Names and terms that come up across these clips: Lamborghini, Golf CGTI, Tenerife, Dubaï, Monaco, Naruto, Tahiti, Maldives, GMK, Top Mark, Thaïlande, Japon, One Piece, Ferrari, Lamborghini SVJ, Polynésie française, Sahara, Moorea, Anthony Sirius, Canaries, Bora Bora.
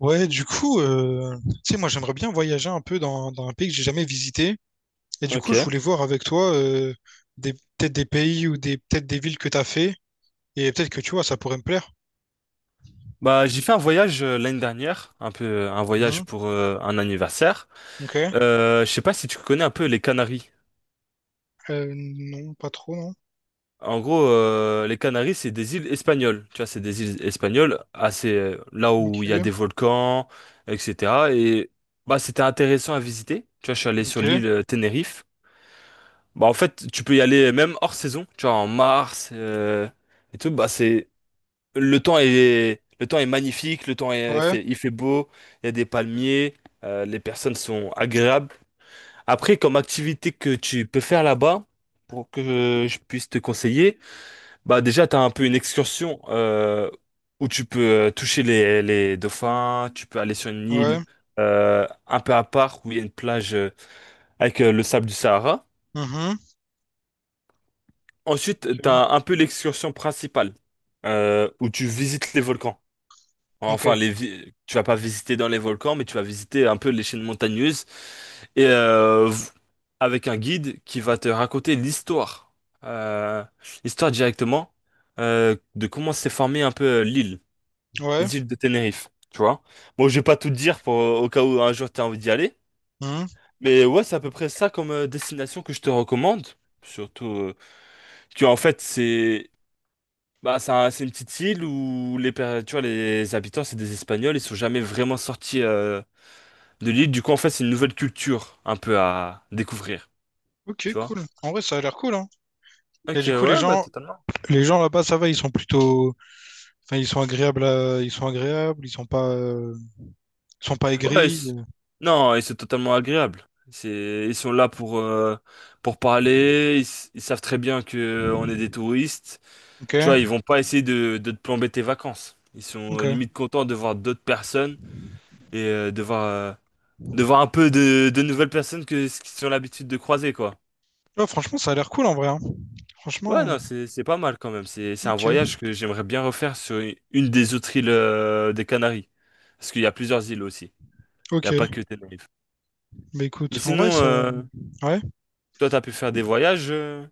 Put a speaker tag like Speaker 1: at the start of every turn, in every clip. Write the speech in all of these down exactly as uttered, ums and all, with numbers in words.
Speaker 1: Ouais, du coup, euh, tu sais, moi j'aimerais bien voyager un peu dans, dans un pays que j'ai jamais visité. Et du coup, je
Speaker 2: Ok.
Speaker 1: voulais voir avec toi euh, des, peut-être des pays ou des peut-être des villes que t'as fait. Et peut-être que tu vois, ça pourrait me plaire.
Speaker 2: Bah, j'ai fait un voyage euh, l'année dernière, un peu un voyage
Speaker 1: Mhm.
Speaker 2: pour euh, un anniversaire.
Speaker 1: Ok.
Speaker 2: Euh, je sais pas si tu connais un peu les Canaries.
Speaker 1: Euh, non, pas trop, non.
Speaker 2: En gros, euh, les Canaries, c'est des îles espagnoles. Tu vois, c'est des îles espagnoles, assez euh, là où il y a
Speaker 1: Ok.
Speaker 2: des volcans, et cetera. Et bah, c'était intéressant à visiter. Tu vois, je suis allé sur
Speaker 1: Ok.
Speaker 2: l'île euh, Tenerife. Bah, en fait, tu peux y aller même hors saison. Tu vois, en mars euh, et tout. Bah, c'est Le temps est, le temps est magnifique, le temps est
Speaker 1: Ouais.
Speaker 2: fait, il fait beau, il y a des palmiers, euh, les personnes sont agréables. Après, comme activité que tu peux faire là-bas, pour que je puisse te conseiller, bah déjà, tu as un peu une excursion euh, où tu peux euh, toucher les, les dauphins, tu peux aller sur une île
Speaker 1: Ouais.
Speaker 2: euh, un peu à part où il y a une plage euh, avec euh, le sable du Sahara.
Speaker 1: Mhm.
Speaker 2: Ensuite, tu
Speaker 1: Ok.
Speaker 2: as un peu l'excursion principale euh, où tu visites les volcans.
Speaker 1: Ok.
Speaker 2: Enfin, les vi- tu vas pas visiter dans les volcans, mais tu vas visiter un peu les chaînes montagneuses et euh, v- avec un guide qui va te raconter l'histoire, euh, l'histoire directement euh, de comment s'est formée un peu euh, l'île,
Speaker 1: Ouais.
Speaker 2: les îles de Tenerife. Tu vois? Bon, je vais pas tout te dire pour au cas où un jour tu as envie d'y aller,
Speaker 1: Mhm.
Speaker 2: mais ouais, c'est à peu près ça comme euh, destination que je te recommande. Surtout euh, que en fait c'est bah, c'est un- c'est une petite île où les, per- tu vois, les habitants, c'est des Espagnols, ils sont jamais vraiment sortis euh, de l'île. Du coup, en fait, c'est une nouvelle culture un peu à découvrir,
Speaker 1: Ok,
Speaker 2: tu vois?
Speaker 1: cool. En vrai, ça a l'air cool, hein. Et
Speaker 2: Ok,
Speaker 1: du coup, les
Speaker 2: ouais, bah
Speaker 1: gens,
Speaker 2: totalement.
Speaker 1: les gens là-bas, ça va, ils sont plutôt, enfin, ils sont agréables, à- ils sont agréables, ils sont pas, euh, ils sont pas
Speaker 2: Ouais, et
Speaker 1: aigris.
Speaker 2: c-
Speaker 1: euh.
Speaker 2: non, et c'est totalement agréable. C'est, ils sont là pour euh, pour parler. Ils, s- ils savent très bien que euh, on est des touristes.
Speaker 1: Ok.
Speaker 2: Tu vois, ils vont pas essayer de de te plomber tes vacances. Ils sont euh,
Speaker 1: Ok.
Speaker 2: limite contents de voir d'autres personnes et euh, de voir euh, de voir un peu de de nouvelles personnes que ce qu'ils ont l'habitude de croiser, quoi.
Speaker 1: Ouais, franchement, ça a l'air cool en vrai. hein.
Speaker 2: Ouais,
Speaker 1: Franchement,
Speaker 2: non, c'est c'est pas mal quand même. C'est c'est un
Speaker 1: ok,
Speaker 2: voyage que j'aimerais bien refaire sur u- une des autres îles euh, des Canaries. Parce qu'il y a plusieurs îles aussi. Il n'y a pas
Speaker 1: ok.
Speaker 2: que Tenerife.
Speaker 1: Bah
Speaker 2: Mais
Speaker 1: écoute, en vrai,
Speaker 2: sinon,
Speaker 1: ça.
Speaker 2: euh,
Speaker 1: Ouais.
Speaker 2: toi, t'as pu faire des voyages euh,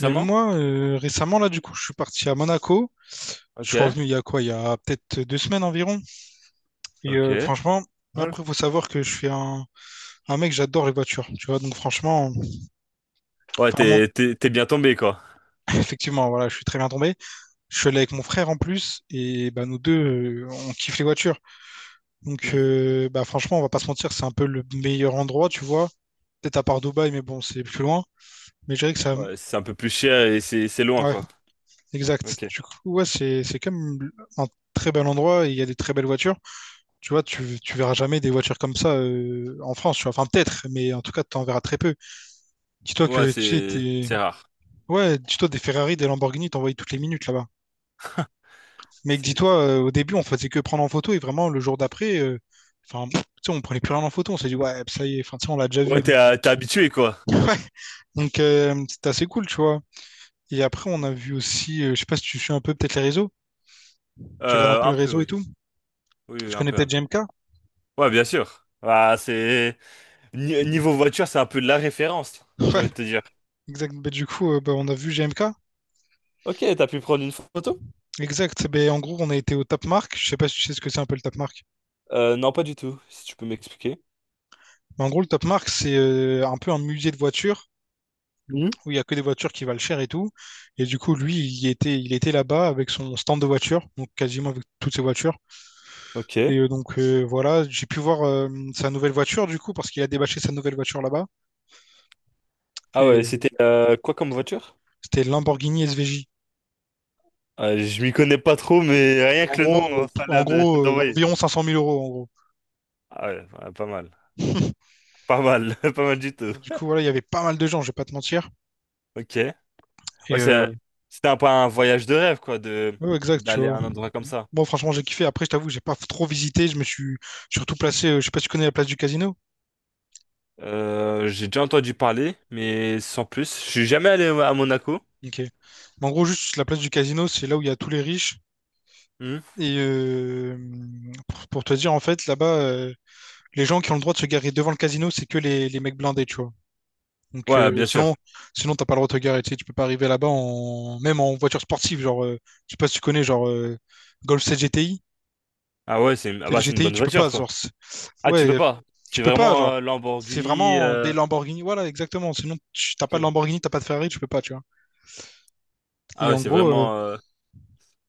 Speaker 1: Mais moi, euh, récemment, là, du coup, je suis parti à Monaco. Je suis
Speaker 2: Ok.
Speaker 1: revenu il y a quoi? Il y a peut-être deux semaines environ. Et
Speaker 2: Ok.
Speaker 1: euh, franchement,
Speaker 2: Voilà.
Speaker 1: après, faut savoir que je suis un, un mec, j'adore les voitures. Tu vois, donc franchement,
Speaker 2: Ouais,
Speaker 1: enfin, mon-
Speaker 2: t'es t'es t'es bien tombé, quoi.
Speaker 1: effectivement, voilà, je suis très bien tombé. Je suis allé avec mon frère en plus. Et bah, nous deux, euh, on kiffe les voitures. Donc,
Speaker 2: Hmm.
Speaker 1: euh, bah, franchement, on va pas se mentir, c'est un peu le meilleur endroit, tu vois. Peut-être à part Dubaï, mais bon, c'est plus loin. Mais je dirais que ça.
Speaker 2: Ouais, c'est un peu plus cher et c'est c'est loin,
Speaker 1: Ouais,
Speaker 2: quoi.
Speaker 1: Exact.
Speaker 2: Ok.
Speaker 1: Du coup, ouais, c'est c'est quand même un très bel endroit et il y a des très belles voitures. Tu vois, tu, tu verras jamais des voitures comme ça euh, en France, tu vois. Enfin, peut-être, mais en tout cas, tu en verras très peu. Dis-toi
Speaker 2: Ouais,
Speaker 1: que tu sais,
Speaker 2: c'est
Speaker 1: des...
Speaker 2: c'est rare.
Speaker 1: Ouais, dis-toi des Ferrari, des Lamborghini, t'en voyais toutes les minutes là-bas. Mais
Speaker 2: C'est-
Speaker 1: dis-toi, euh, au début, on faisait que prendre en photo et vraiment, le jour d'après, euh, enfin, tu sais, on prenait plus rien en photo. On s'est dit, ouais, ça y est, enfin, tu sais, on l'a déjà
Speaker 2: Ouais,
Speaker 1: vu.
Speaker 2: t'es
Speaker 1: Donc,
Speaker 2: euh, t'es habitué, quoi.
Speaker 1: ouais. Donc, euh, c'était assez cool, tu vois. Et après, on a vu aussi, euh, je sais pas si tu suis un peu peut-être les réseaux, tu regardes un
Speaker 2: Euh,
Speaker 1: peu les
Speaker 2: un peu,
Speaker 1: réseaux et
Speaker 2: oui.
Speaker 1: tout.
Speaker 2: Oui,
Speaker 1: Tu
Speaker 2: oui, un
Speaker 1: connais
Speaker 2: peu, un
Speaker 1: peut-être J
Speaker 2: peu.
Speaker 1: M K.
Speaker 2: Ouais, bien sûr. Bah, c'est Ni- Niveau voiture, c'est un peu de la référence,
Speaker 1: Ouais,
Speaker 2: j'ai envie de te dire.
Speaker 1: exact. Bah, du coup, euh, bah, on a vu G M K.
Speaker 2: Ok, t'as pu prendre une photo?
Speaker 1: Exact. Ben en gros, on a été au Top Mark. Je sais pas si tu sais ce que c'est un peu le Top Mark.
Speaker 2: Euh, non, pas du tout, si tu peux m'expliquer.
Speaker 1: Mais en gros, le Top Mark, c'est euh, un peu un musée de voitures
Speaker 2: Mhm.
Speaker 1: où il y a que des voitures qui valent cher et tout. Et du coup, lui, il y était, il était là-bas avec son stand de voitures, donc quasiment avec toutes ses voitures.
Speaker 2: Ok.
Speaker 1: Et euh, donc euh, voilà, j'ai pu voir euh, sa nouvelle voiture du coup parce qu'il a débâché sa nouvelle voiture là-bas.
Speaker 2: Ah
Speaker 1: Et
Speaker 2: ouais,
Speaker 1: euh,
Speaker 2: c'était euh, quoi comme voiture?
Speaker 1: c'était Lamborghini S V J.
Speaker 2: Euh, je m'y connais pas trop, mais rien
Speaker 1: En
Speaker 2: que le nom,
Speaker 1: gros,
Speaker 2: euh,
Speaker 1: euh,
Speaker 2: ça a
Speaker 1: en
Speaker 2: l'air de-
Speaker 1: gros, euh,
Speaker 2: d'envoyer.
Speaker 1: environ cinq cent mille euros en gros.
Speaker 2: Ah ouais, ouais, pas mal. Pas mal, pas mal du tout.
Speaker 1: Et du coup, voilà, il y avait pas mal de gens, je vais pas te mentir.
Speaker 2: Ok.
Speaker 1: Et
Speaker 2: Ouais,
Speaker 1: euh,
Speaker 2: c'est- c'était un peu un voyage de rêve, quoi, de
Speaker 1: Ouais, exact, tu
Speaker 2: d'aller à
Speaker 1: vois.
Speaker 2: un endroit comme ça.
Speaker 1: Bon, franchement, j'ai kiffé. Après, je t'avoue, j'ai pas trop visité. Je me suis surtout placé. euh, Je sais pas si tu connais la place du casino.
Speaker 2: Euh, j'ai déjà entendu parler, mais sans plus. Je suis jamais allé à Monaco.
Speaker 1: Ok. Mais en gros, juste la place du casino, c'est là où il y a tous les riches.
Speaker 2: Hmm.
Speaker 1: Et euh, pour, pour te dire, en fait, là-bas, euh, les gens qui ont le droit de se garer devant le casino, c'est que les, les mecs blindés, tu vois. Donc,
Speaker 2: Ouais,
Speaker 1: euh,
Speaker 2: bien sûr.
Speaker 1: sinon, sinon, t'as pas le droit de te garer. Tu sais, tu peux pas arriver là-bas en, même en voiture sportive. Genre, euh, je sais pas si tu connais, genre, euh, Golf CGTI.
Speaker 2: Ah ouais, c'est une- ah
Speaker 1: Tu sais, les
Speaker 2: bah, c'est une
Speaker 1: G T I,
Speaker 2: bonne
Speaker 1: tu peux pas.
Speaker 2: voiture, quoi.
Speaker 1: Genre,
Speaker 2: Ah, tu
Speaker 1: Ouais,
Speaker 2: peux
Speaker 1: euh,
Speaker 2: pas.
Speaker 1: tu
Speaker 2: C'est
Speaker 1: peux pas,
Speaker 2: vraiment
Speaker 1: genre.
Speaker 2: euh,
Speaker 1: C'est
Speaker 2: Lamborghini.
Speaker 1: vraiment des
Speaker 2: euh,
Speaker 1: Lamborghini. Voilà, exactement. Sinon, tu t'as pas de
Speaker 2: Ok.
Speaker 1: Lamborghini, t'as pas de Ferrari, tu peux pas, tu vois.
Speaker 2: Ah
Speaker 1: Et
Speaker 2: ouais,
Speaker 1: en
Speaker 2: c'est
Speaker 1: gros, euh,
Speaker 2: vraiment. euh,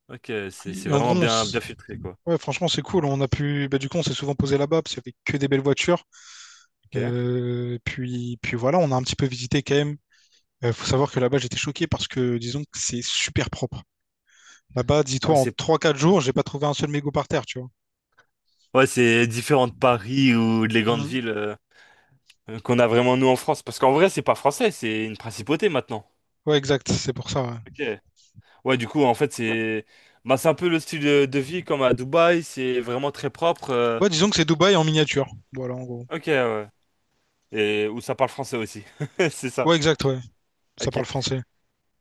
Speaker 2: Ok, c'est c'est
Speaker 1: et en gros,
Speaker 2: vraiment
Speaker 1: on
Speaker 2: bien
Speaker 1: s-
Speaker 2: bien filtré quoi.
Speaker 1: ouais, franchement, c'est cool. On a pu, bah, du coup, on s'est souvent posé là-bas parce qu'il y avait que des belles voitures.
Speaker 2: Ok.
Speaker 1: Euh, puis, puis voilà, on a un petit peu visité quand même. Euh, faut savoir que là-bas, j'étais choqué parce que, disons que c'est super propre. Là-bas, dis-toi,
Speaker 2: Ouais,
Speaker 1: en
Speaker 2: c'est,
Speaker 1: trois quatre jours, j'ai pas trouvé un seul mégot par terre, tu vois.
Speaker 2: ouais, c'est différent de Paris ou de les grandes
Speaker 1: Mhm.
Speaker 2: villes euh, euh, qu'on a vraiment nous en France. Parce qu'en vrai, c'est pas français, c'est une principauté maintenant.
Speaker 1: Ouais, exact. C'est pour ça. Ouais.
Speaker 2: Ok. Ouais, du coup, en fait, c'est bah, c'est un peu le style de, de vie comme à Dubaï. C'est vraiment très propre. euh,
Speaker 1: Ouais, disons que c'est Dubaï en miniature. Voilà, en gros.
Speaker 2: Ok, ouais. Et où ça parle français aussi. C'est ça.
Speaker 1: Ouais, exact, ouais. Ça
Speaker 2: Ok.
Speaker 1: parle français.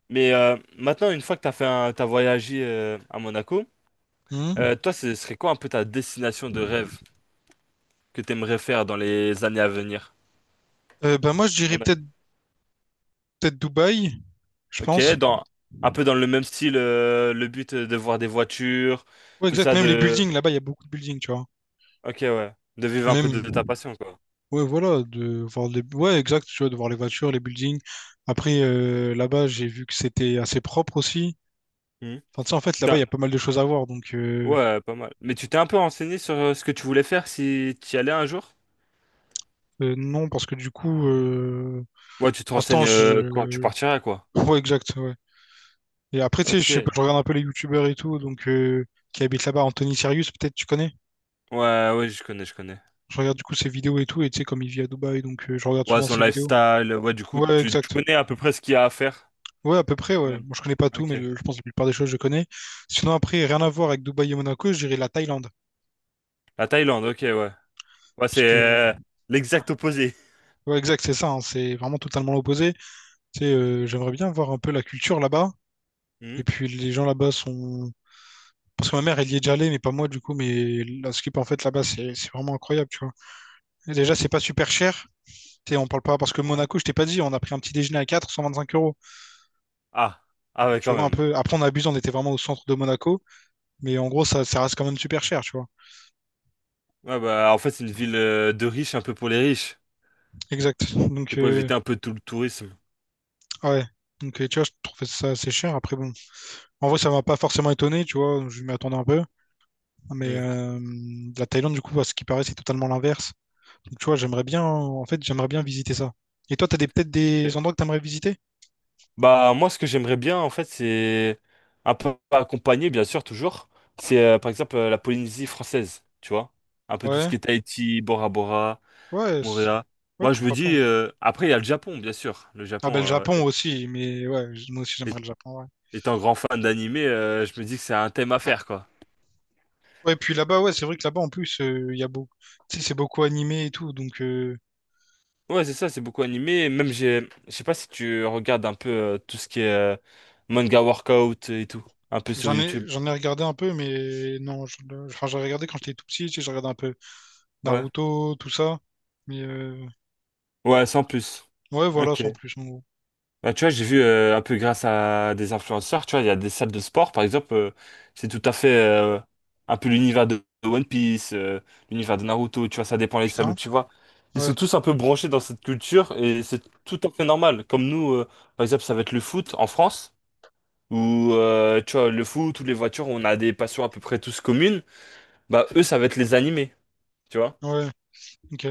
Speaker 2: Mais euh, maintenant, une fois que t'as fait un... t'as voyagé euh, à Monaco.
Speaker 1: Mhm.
Speaker 2: Euh, toi, ce serait quoi un peu ta destination de rêve que t'aimerais faire dans les années à venir?
Speaker 1: Euh, bah, moi, je dirais
Speaker 2: T'en as
Speaker 1: peut-être
Speaker 2: une.
Speaker 1: peut-être Dubaï, je
Speaker 2: Ok,
Speaker 1: pense.
Speaker 2: dans un peu dans le même style, euh, le but euh, de voir des voitures,
Speaker 1: Ouais,
Speaker 2: tout
Speaker 1: exact.
Speaker 2: ça
Speaker 1: Même les
Speaker 2: de.
Speaker 1: buildings, là-bas, il y a beaucoup de buildings, tu vois.
Speaker 2: Ok, ouais, de vivre un peu de,
Speaker 1: Même,
Speaker 2: de ta passion, quoi.
Speaker 1: ouais, voilà, de voir les... Ouais, exact, tu vois, de voir les voitures, les buildings. Après, euh, là-bas, j'ai vu que c'était assez propre aussi.
Speaker 2: Hmm.
Speaker 1: Enfin, tu sais, en fait,
Speaker 2: Tu
Speaker 1: là-bas, il
Speaker 2: t'es-
Speaker 1: y a pas mal de choses à voir. Donc, euh,
Speaker 2: Ouais, pas mal. Mais tu t'es un peu renseigné sur euh, ce que tu voulais faire si tu y allais un jour?
Speaker 1: euh, non, parce que du coup, euh,
Speaker 2: Ouais, tu te
Speaker 1: pour l'instant,
Speaker 2: renseignes euh, quand tu
Speaker 1: je...
Speaker 2: partiras, quoi.
Speaker 1: Ouais, exact, ouais. Et après, tu sais,
Speaker 2: Ok.
Speaker 1: je, sais pas,
Speaker 2: Ouais,
Speaker 1: je regarde un peu les youtubeurs et tout, donc, euh, qui habitent là-bas. Anthony Sirius, peut-être, tu connais?
Speaker 2: ouais, je connais, je connais.
Speaker 1: Je regarde du coup ses vidéos et tout, et tu sais, comme il vit à Dubaï, donc euh, je regarde
Speaker 2: Ouais,
Speaker 1: souvent
Speaker 2: son
Speaker 1: ses vidéos.
Speaker 2: lifestyle, ouais, du coup,
Speaker 1: Ouais,
Speaker 2: tu, tu
Speaker 1: exact.
Speaker 2: connais à peu près ce qu'il y a à faire.
Speaker 1: Ouais, à peu près, ouais.
Speaker 2: Même.
Speaker 1: Moi, je connais pas tout,
Speaker 2: Ok.
Speaker 1: mais le- je pense que la plupart des choses, je connais. Sinon, après, rien à voir avec Dubaï et Monaco, je dirais la Thaïlande.
Speaker 2: La Thaïlande, ok, ouais. Ouais, c'est
Speaker 1: Parce que,
Speaker 2: euh, l'exact opposé.
Speaker 1: ouais, exact, c'est ça, hein, c'est vraiment totalement l'opposé. Tu sais, euh, j'aimerais bien voir un peu la culture là-bas.
Speaker 2: Hmm,
Speaker 1: Et puis, les gens là-bas sont. Parce que ma mère, elle y est déjà allée, mais pas moi, du coup. Mais la skip, en fait, là-bas, c'est c'est vraiment incroyable, tu vois. Et déjà, c'est pas super cher. Tu sais, on parle pas. Parce que
Speaker 2: ouais.
Speaker 1: Monaco, je t'ai pas dit, on a pris un petit déjeuner à quatre cent vingt-cinq euros.
Speaker 2: Ah, ah ouais,
Speaker 1: Tu
Speaker 2: quand
Speaker 1: vois, un
Speaker 2: même.
Speaker 1: peu. Après, on abuse, on était vraiment au centre de Monaco. Mais en gros, ça, ça reste quand même super cher, tu vois.
Speaker 2: Ouais, bah, en fait, c'est une ville euh, de riches, un peu pour les riches.
Speaker 1: Exact. Donc,
Speaker 2: C'est pour
Speaker 1: euh,
Speaker 2: éviter un peu tout le tourisme.
Speaker 1: Ah Ouais. Donc, et tu vois, je trouvais ça assez cher. Après, bon, en vrai, ça m'a pas forcément étonné, tu vois, je m'y attendais un peu. Mais
Speaker 2: Hmm.
Speaker 1: euh, la Thaïlande, du coup, à ce qui paraît, c'est totalement l'inverse. Donc, tu vois, j'aimerais bien, en fait, j'aimerais bien visiter ça. Et toi, t'as des, peut-être
Speaker 2: Ok.
Speaker 1: des endroits que t'aimerais visiter?
Speaker 2: Bah, moi, ce que j'aimerais bien, en fait, c'est un peu accompagné, bien sûr, toujours. C'est, euh, par exemple, euh, la Polynésie française, tu vois. Un peu tout ce
Speaker 1: Ouais,
Speaker 2: qui est Tahiti, Bora Bora,
Speaker 1: ouais, c-
Speaker 2: Moorea.
Speaker 1: ouais,
Speaker 2: Moi, je me
Speaker 1: pourquoi pas.
Speaker 2: dis,
Speaker 1: ouais.
Speaker 2: euh, après, il y a le Japon, bien sûr. Le
Speaker 1: Ah,
Speaker 2: Japon,
Speaker 1: ben, le
Speaker 2: euh,
Speaker 1: Japon
Speaker 2: est-
Speaker 1: aussi, mais ouais, j- moi aussi,
Speaker 2: est-
Speaker 1: j'aimerais le Japon, ouais.
Speaker 2: étant grand fan d'animé, euh, je me dis que c'est un thème à faire, quoi.
Speaker 1: Ouais, puis là-bas, ouais, c'est vrai que là-bas, en plus, euh, il y a beaucoup, tu sais, c'est beaucoup animé et tout, donc euh,
Speaker 2: Ouais, c'est ça, c'est beaucoup animé. Même, j'ai, je sais pas si tu regardes un peu euh, tout ce qui est euh, manga workout et tout, un peu sur
Speaker 1: j'en ai,
Speaker 2: YouTube.
Speaker 1: j'en ai regardé un peu, mais non, je- enfin, j'ai regardé quand j'étais tout petit, tu sais, j'ai regardé un peu.
Speaker 2: Ouais.
Speaker 1: Naruto, tout ça. Mais euh,
Speaker 2: Ouais, sans plus.
Speaker 1: ouais, voilà,
Speaker 2: Ok.
Speaker 1: sans plus, en gros.
Speaker 2: Bah, tu vois, j'ai vu euh, un peu grâce à des influenceurs, tu vois, il y a des salles de sport, par exemple, euh, c'est tout à fait euh, un peu l'univers de de One Piece, euh, l'univers de Naruto, tu vois, ça dépend les salles où
Speaker 1: Putain.
Speaker 2: tu vas. Ils
Speaker 1: Ouais,
Speaker 2: sont tous un peu branchés dans cette culture et c'est tout à fait normal. Comme nous, euh, par exemple, ça va être le foot en France. Ou euh, tu vois, le foot, ou les voitures, on a des passions à peu près tous communes, bah eux, ça va être les animés, tu vois.
Speaker 1: ouais, ok.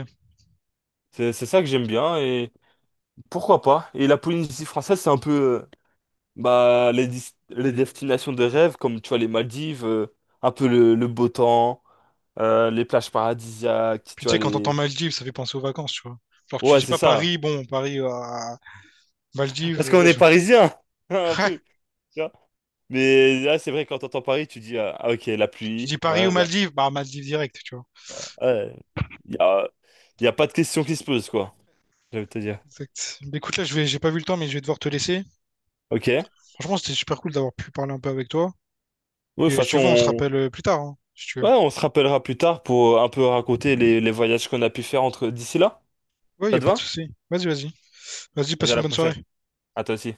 Speaker 2: C'est c'est ça que j'aime bien, et pourquoi pas. Et la Polynésie française, c'est un peu euh, bah, les, dis- les destinations de rêve, comme tu vois, les Maldives, euh, un peu le, le beau temps, euh, les plages paradisiaques,
Speaker 1: Puis
Speaker 2: tu
Speaker 1: tu
Speaker 2: vois,
Speaker 1: sais, quand t'entends
Speaker 2: les...
Speaker 1: Maldives, ça fait penser aux vacances, tu vois. Genre, tu
Speaker 2: Ouais,
Speaker 1: dis
Speaker 2: c'est
Speaker 1: pas
Speaker 2: ça.
Speaker 1: Paris, bon, Paris à Maldives,
Speaker 2: Parce
Speaker 1: euh,
Speaker 2: qu'on
Speaker 1: ouais,
Speaker 2: est
Speaker 1: je...
Speaker 2: parisiens, un peu. Tu vois. Mais là, c'est vrai, quand t'entends Paris, tu dis, ah, ah, ok, la
Speaker 1: Tu
Speaker 2: pluie,
Speaker 1: dis Paris ou
Speaker 2: voilà.
Speaker 1: Maldives, bah Maldives direct, tu vois.
Speaker 2: Ouais. Il y a, il y a pas de question qui se pose, quoi. J'allais te dire.
Speaker 1: Exact. Mais écoute, là, je vais, j'ai pas vu le temps, mais je vais devoir te laisser.
Speaker 2: Ok. Oui,
Speaker 1: Franchement, c'était super cool d'avoir pu parler un peu avec toi.
Speaker 2: de toute
Speaker 1: Et si
Speaker 2: façon,
Speaker 1: tu veux, on se
Speaker 2: on...
Speaker 1: rappelle euh, plus tard, hein, si tu veux.
Speaker 2: ouais, on se rappellera plus tard pour un peu raconter les, les voyages qu'on a pu faire entre d'ici là.
Speaker 1: Ouais, y
Speaker 2: Ça
Speaker 1: a
Speaker 2: te
Speaker 1: pas de
Speaker 2: va?
Speaker 1: souci. Vas-y, vas-y. Vas-y,
Speaker 2: Vas-y,
Speaker 1: passe
Speaker 2: à
Speaker 1: une
Speaker 2: la
Speaker 1: bonne
Speaker 2: prochaine.
Speaker 1: soirée.
Speaker 2: À toi aussi.